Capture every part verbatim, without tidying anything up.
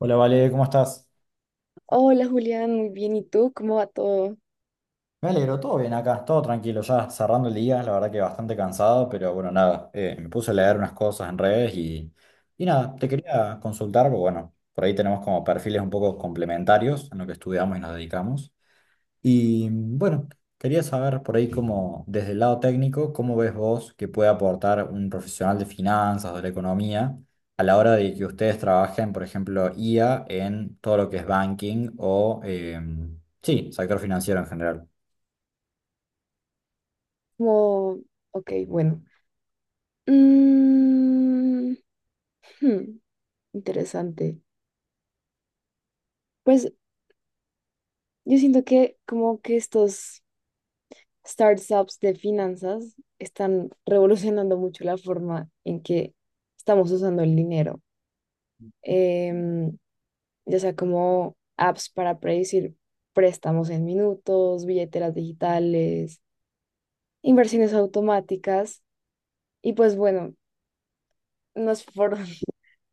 Hola, Vale, ¿cómo estás? Hola Julián, muy bien. ¿Y tú? ¿Cómo va todo? Me alegro, todo bien acá, todo tranquilo, ya cerrando el día, la verdad que bastante cansado, pero bueno, nada, eh, me puse a leer unas cosas en redes y, y nada, te quería consultar, porque bueno, por ahí tenemos como perfiles un poco complementarios en lo que estudiamos y nos dedicamos. Y mm, bueno, quería saber por ahí cómo, desde el lado técnico, cómo ves vos que puede aportar un profesional de finanzas, o de la economía, a la hora de que ustedes trabajen, por ejemplo, I A en todo lo que es banking o, em, sí, sector financiero en general. Como, ok, bueno. Mm, hmm, Interesante. Pues yo siento que como que estos startups de finanzas están revolucionando mucho la forma en que estamos usando el dinero. Em, ya sea como apps para predecir préstamos en minutos, billeteras digitales, inversiones automáticas. Y pues bueno, nos forjamos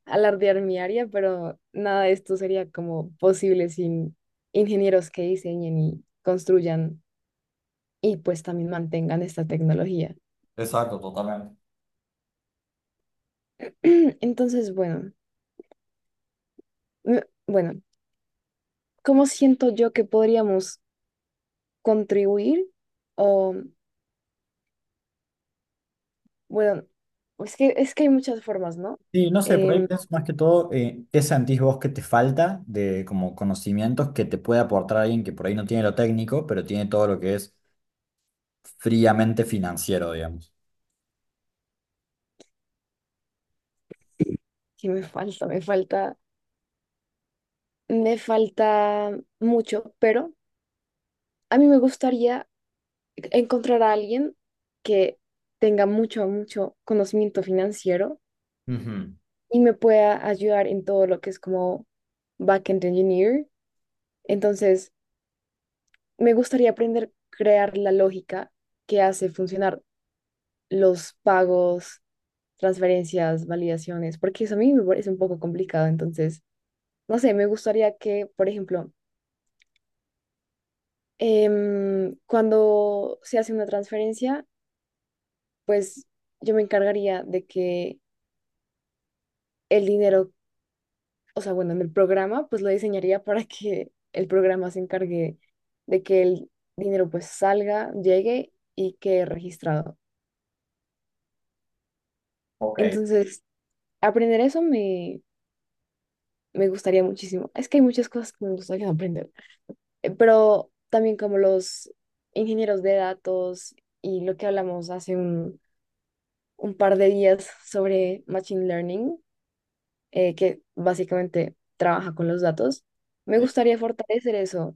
alardear mi área, pero nada de esto sería como posible sin ingenieros que diseñen y construyan y pues también mantengan esta tecnología. Exacto, totalmente. Entonces, bueno, me- bueno, ¿cómo siento yo que podríamos contribuir? O, bueno, es que, es que hay muchas formas, ¿no? Sí, no sé, por ahí Em, pienso más que todo, eh, ¿qué sentís vos que te falta de como conocimientos que te puede aportar alguien que por ahí no tiene lo técnico, pero tiene todo lo que es fríamente financiero, digamos? que me falta, me falta, me falta mucho, pero a mí me gustaría encontrar a alguien que tenga mucho, mucho conocimiento financiero Ujú. y me pueda ayudar en todo lo que es como backend engineer. Entonces, me gustaría aprender a crear la lógica que hace funcionar los pagos, transferencias, validaciones, porque eso a mí me parece un poco complicado. Entonces, no sé, me gustaría que, por ejemplo, em, cuando se hace una transferencia, pues yo me encargaría de que el dinero, o sea, bueno, en el programa, pues lo diseñaría para que el programa se encargue de que el dinero pues salga, llegue y quede registrado. Ok. Entonces, aprender eso me, me gustaría muchísimo. Es que hay muchas cosas que me gustaría aprender, Eh, pero también como los ingenieros de datos y lo que hablamos hace un, un par de días sobre Machine Learning, eh, que básicamente trabaja con los datos. Me gustaría fortalecer eso,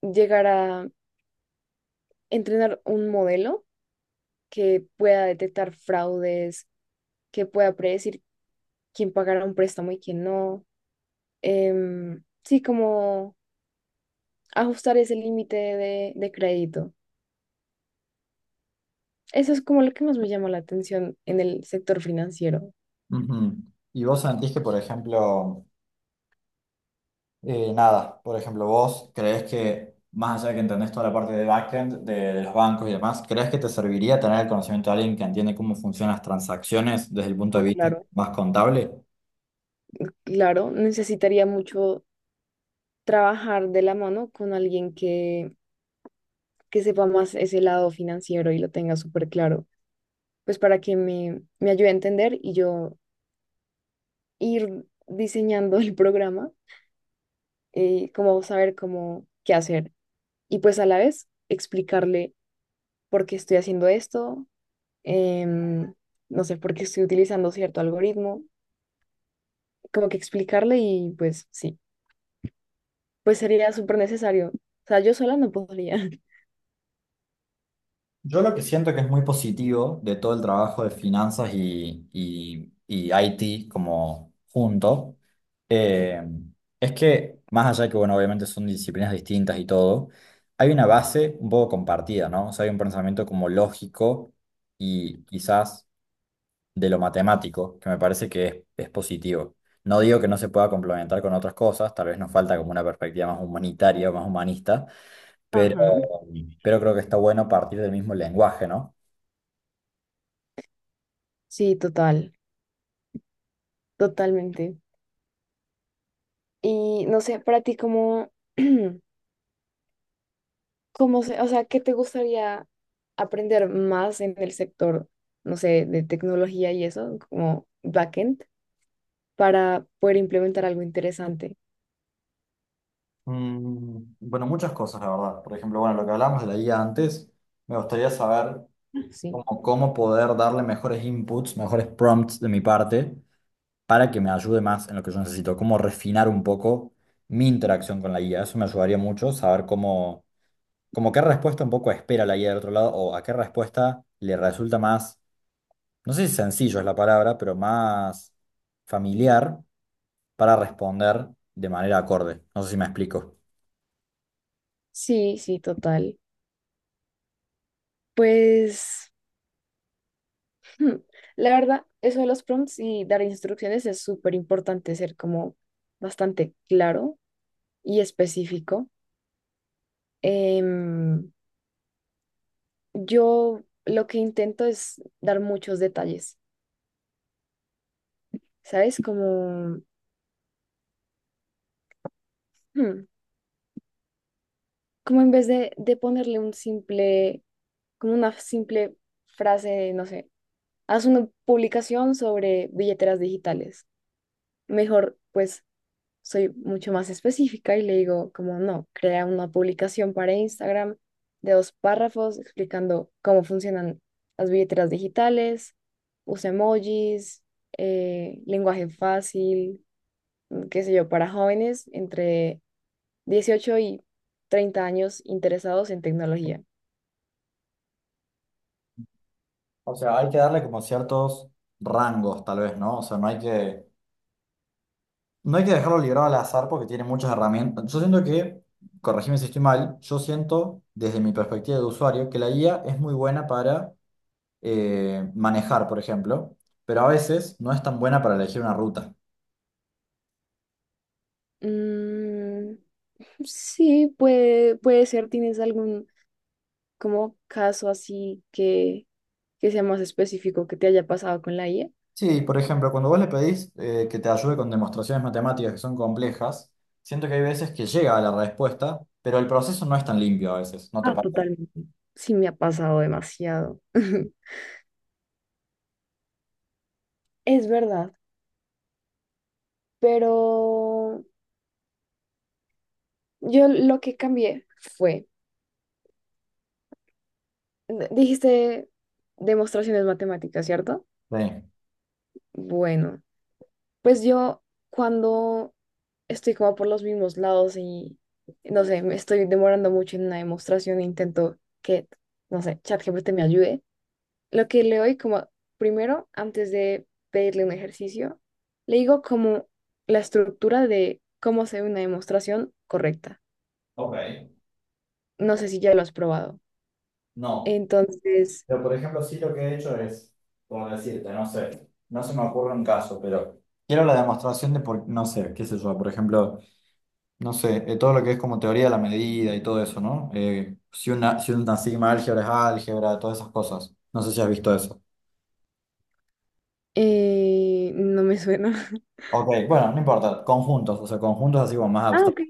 llegar a entrenar un modelo que pueda detectar fraudes, que pueda predecir quién pagará un préstamo y quién no. Em, sí, como ajustar ese límite de, de crédito. Eso es como lo que más me llama la atención en el sector financiero. Ujú. Y vos sentís que, por ejemplo, eh, nada, por ejemplo, vos creés que, más allá de que entendés toda la parte de backend, de, de los bancos y demás, ¿creés que te serviría tener el conocimiento de alguien que entiende cómo funcionan las transacciones desde el punto Ah, de vista claro. más contable? Claro, necesitaría mucho trabajar de la mano con alguien que, que sepa más ese lado financiero y lo tenga súper claro, pues para que me, me ayude a entender y yo ir diseñando el programa, eh, como saber cómo qué hacer y pues a la vez explicarle por qué estoy haciendo esto, em, no sé, por qué estoy utilizando cierto algoritmo, como que explicarle, y pues sí, pues sería súper necesario. O sea, yo sola no podría. Yo lo que siento que es muy positivo de todo el trabajo de finanzas y, y, y I T como junto, eh, es que más allá de que, bueno, obviamente son disciplinas distintas y todo, hay una base un poco compartida, ¿no? O sea, hay un pensamiento como lógico y quizás de lo matemático, que me parece que es, es positivo. No digo que no se pueda complementar con otras cosas, tal vez nos falta como una perspectiva más humanitaria o más humanista, pero, Ajá, pero creo que está bueno partir del mismo lenguaje, ¿no? sí, total, totalmente. Y no sé, para ti, ¿cómo, cómo se, o sea, qué te gustaría aprender más en el sector, no sé, de tecnología y eso, como backend, para poder implementar algo interesante? Mm, Bueno, muchas cosas, la verdad. Por ejemplo, bueno, lo que hablábamos de la guía antes, me gustaría saber Sí, cómo, cómo poder darle mejores inputs, mejores prompts de mi parte para que me ayude más en lo que yo necesito, cómo refinar un poco mi interacción con la guía. Eso me ayudaría mucho, saber cómo, como qué respuesta un poco espera la guía del otro lado o a qué respuesta le resulta más, no sé si sencillo es la palabra, pero más familiar para responder de manera acorde. No sé si me explico. sí, sí, total. Pues, hmm, la verdad, eso de los prompts y dar instrucciones es súper importante, ser como bastante claro y específico. Em, yo lo que intento es dar muchos detalles, ¿sabes? Como, hmm, como en vez de, de ponerle un simple, como una simple frase, no sé, haz una publicación sobre billeteras digitales, mejor pues soy mucho más específica y le digo como, no, crea una publicación para Instagram de dos párrafos explicando cómo funcionan las billeteras digitales, usa emojis, eh, lenguaje fácil, qué sé yo, para jóvenes entre dieciocho y treinta años interesados en tecnología. O sea, hay que darle como ciertos rangos, tal vez, ¿no? O sea, no hay que, no hay que dejarlo librado al azar porque tiene muchas herramientas. Yo siento que, corregime si estoy mal, yo siento, desde mi perspectiva de usuario, que la I A es muy buena para eh, manejar, por ejemplo, pero a veces no es tan buena para elegir una ruta. Mm, sí, puede, puede ser. ¿Tienes algún como caso así que, que sea más específico que te haya pasado con la I A? Sí, por ejemplo, cuando vos le pedís eh, que te ayude con demostraciones matemáticas que son complejas, siento que hay veces que llega a la respuesta, pero el proceso no es tan limpio a veces, ¿no te Ah, parece? totalmente. Sí, me ha pasado demasiado. Es verdad, pero yo lo que cambié fue, d- dijiste demostraciones matemáticas, ¿cierto? Sí. Bueno, pues yo cuando estoy como por los mismos lados y no sé, me estoy demorando mucho en una demostración, intento que, no sé, ChatGPT me ayude. Lo que le doy como primero, antes de pedirle un ejercicio, le digo como la estructura de cómo hacer una demostración correcta. Ok. No sé si ya lo has probado. No. Entonces, Pero, por ejemplo, sí lo que he hecho es, por decirte, no sé, no se me ocurre un caso, pero quiero la demostración de por, no sé, qué sé yo, por ejemplo, no sé, eh, todo lo que es como teoría de la medida y todo eso, ¿no? Eh, si una, si una sigma álgebra es álgebra, todas esas cosas. No sé si has visto eso. eh, no me suena. Ok, bueno, no importa, conjuntos, o sea, conjuntos así como más Ah, ok, abstractos,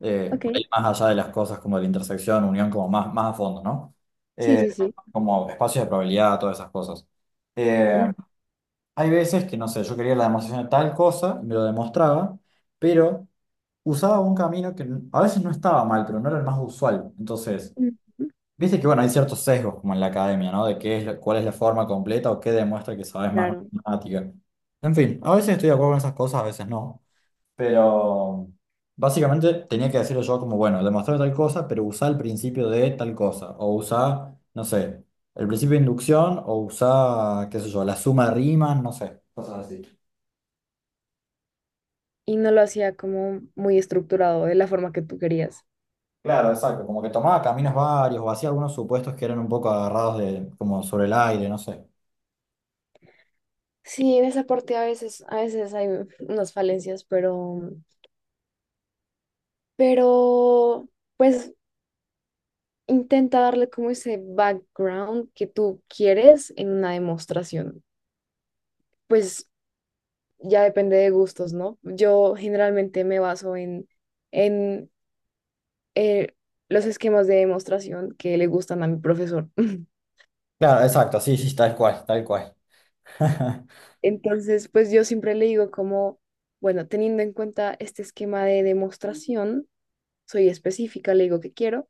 eh, ok. por ahí más allá de las cosas como de la intersección, unión, como más, más a fondo, ¿no? Sí, Eh, sí, sí. como espacios de probabilidad, todas esas cosas. Eh, Mm, Hay veces que, no sé, yo quería la demostración de tal cosa, y me lo demostraba, pero usaba un camino que n- a veces no estaba mal, pero no era el más usual. Entonces, mm, mm, viste que, bueno, hay ciertos sesgos como en la academia, ¿no? De qué es, la- cuál es la forma completa o qué demuestra que sabes más claro. matemática. En fin, a veces estoy de acuerdo con esas cosas, a veces no. Pero básicamente tenía que decirlo yo como, bueno, demostrar tal cosa, pero usá el principio de tal cosa. O usá, no sé, el principio de inducción o usá, qué sé yo, la suma de rimas, no sé. Cosas así. Y no lo hacía como muy estructurado, de la forma que tú querías. Claro, exacto, como que tomaba caminos varios o hacía algunos supuestos que eran un poco agarrados de, como sobre el aire, no sé. Sí, en esa parte a veces, a veces hay unas falencias, pero, pero, pues intenta darle como ese background que tú quieres en una demostración. Pues ya depende de gustos, ¿no? Yo generalmente me baso en, en eh, los esquemas de demostración que le gustan a mi profesor. Claro, exacto, sí, sí, tal cual, tal cual. Entonces, pues yo siempre le digo como, bueno, teniendo en cuenta este esquema de demostración, soy específica, le digo que quiero,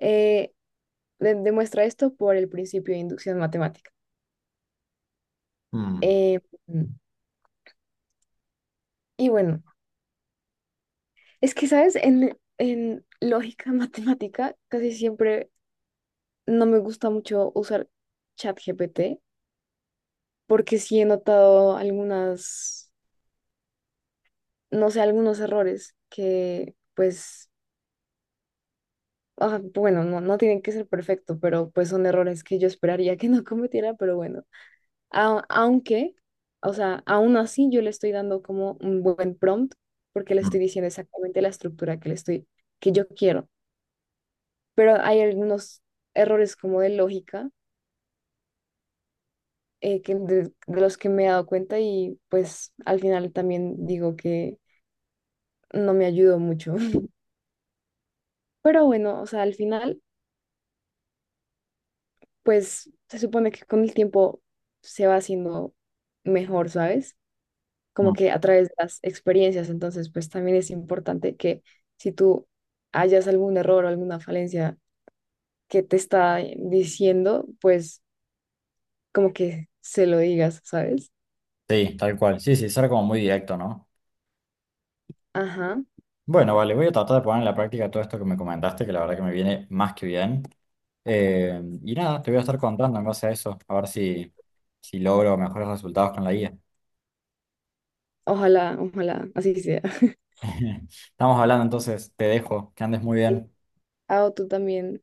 eh, de- demuestra esto por el principio de inducción matemática. Mm, Eh, y bueno. Es que, ¿sabes? En, en lógica matemática casi siempre no me gusta mucho usar ChatGPT, porque sí he notado algunas, no sé, algunos errores que pues, ah, bueno, no, no tienen que ser perfecto, pero pues son errores que yo esperaría que no cometiera, pero bueno, A- aunque, o sea, aún así yo le estoy dando como un buen prompt porque le mm, estoy diciendo exactamente la estructura que le estoy, que yo quiero, pero hay algunos errores como de lógica, eh, que de, de los que me he dado cuenta, y pues al final también digo que no me ayudó mucho. Pero bueno, o sea, al final pues se supone que con el tiempo se va haciendo mejor, ¿sabes? Como mm. que a través de las experiencias. Entonces pues también es importante que si tú hallas algún error o alguna falencia que te está diciendo, pues como que se lo digas, ¿sabes? Sí, tal cual, sí, sí, ser como muy directo, ¿no? Ajá, Bueno, vale, voy a tratar de poner en la práctica todo esto que me comentaste, que la verdad que me viene más que bien. Eh, y nada, te voy a estar contando en base a eso, a ver si, si logro mejores resultados con la guía. ojalá, ojalá, así sea. Estamos hablando entonces, te dejo, que andes muy bien. Ah, o tú también.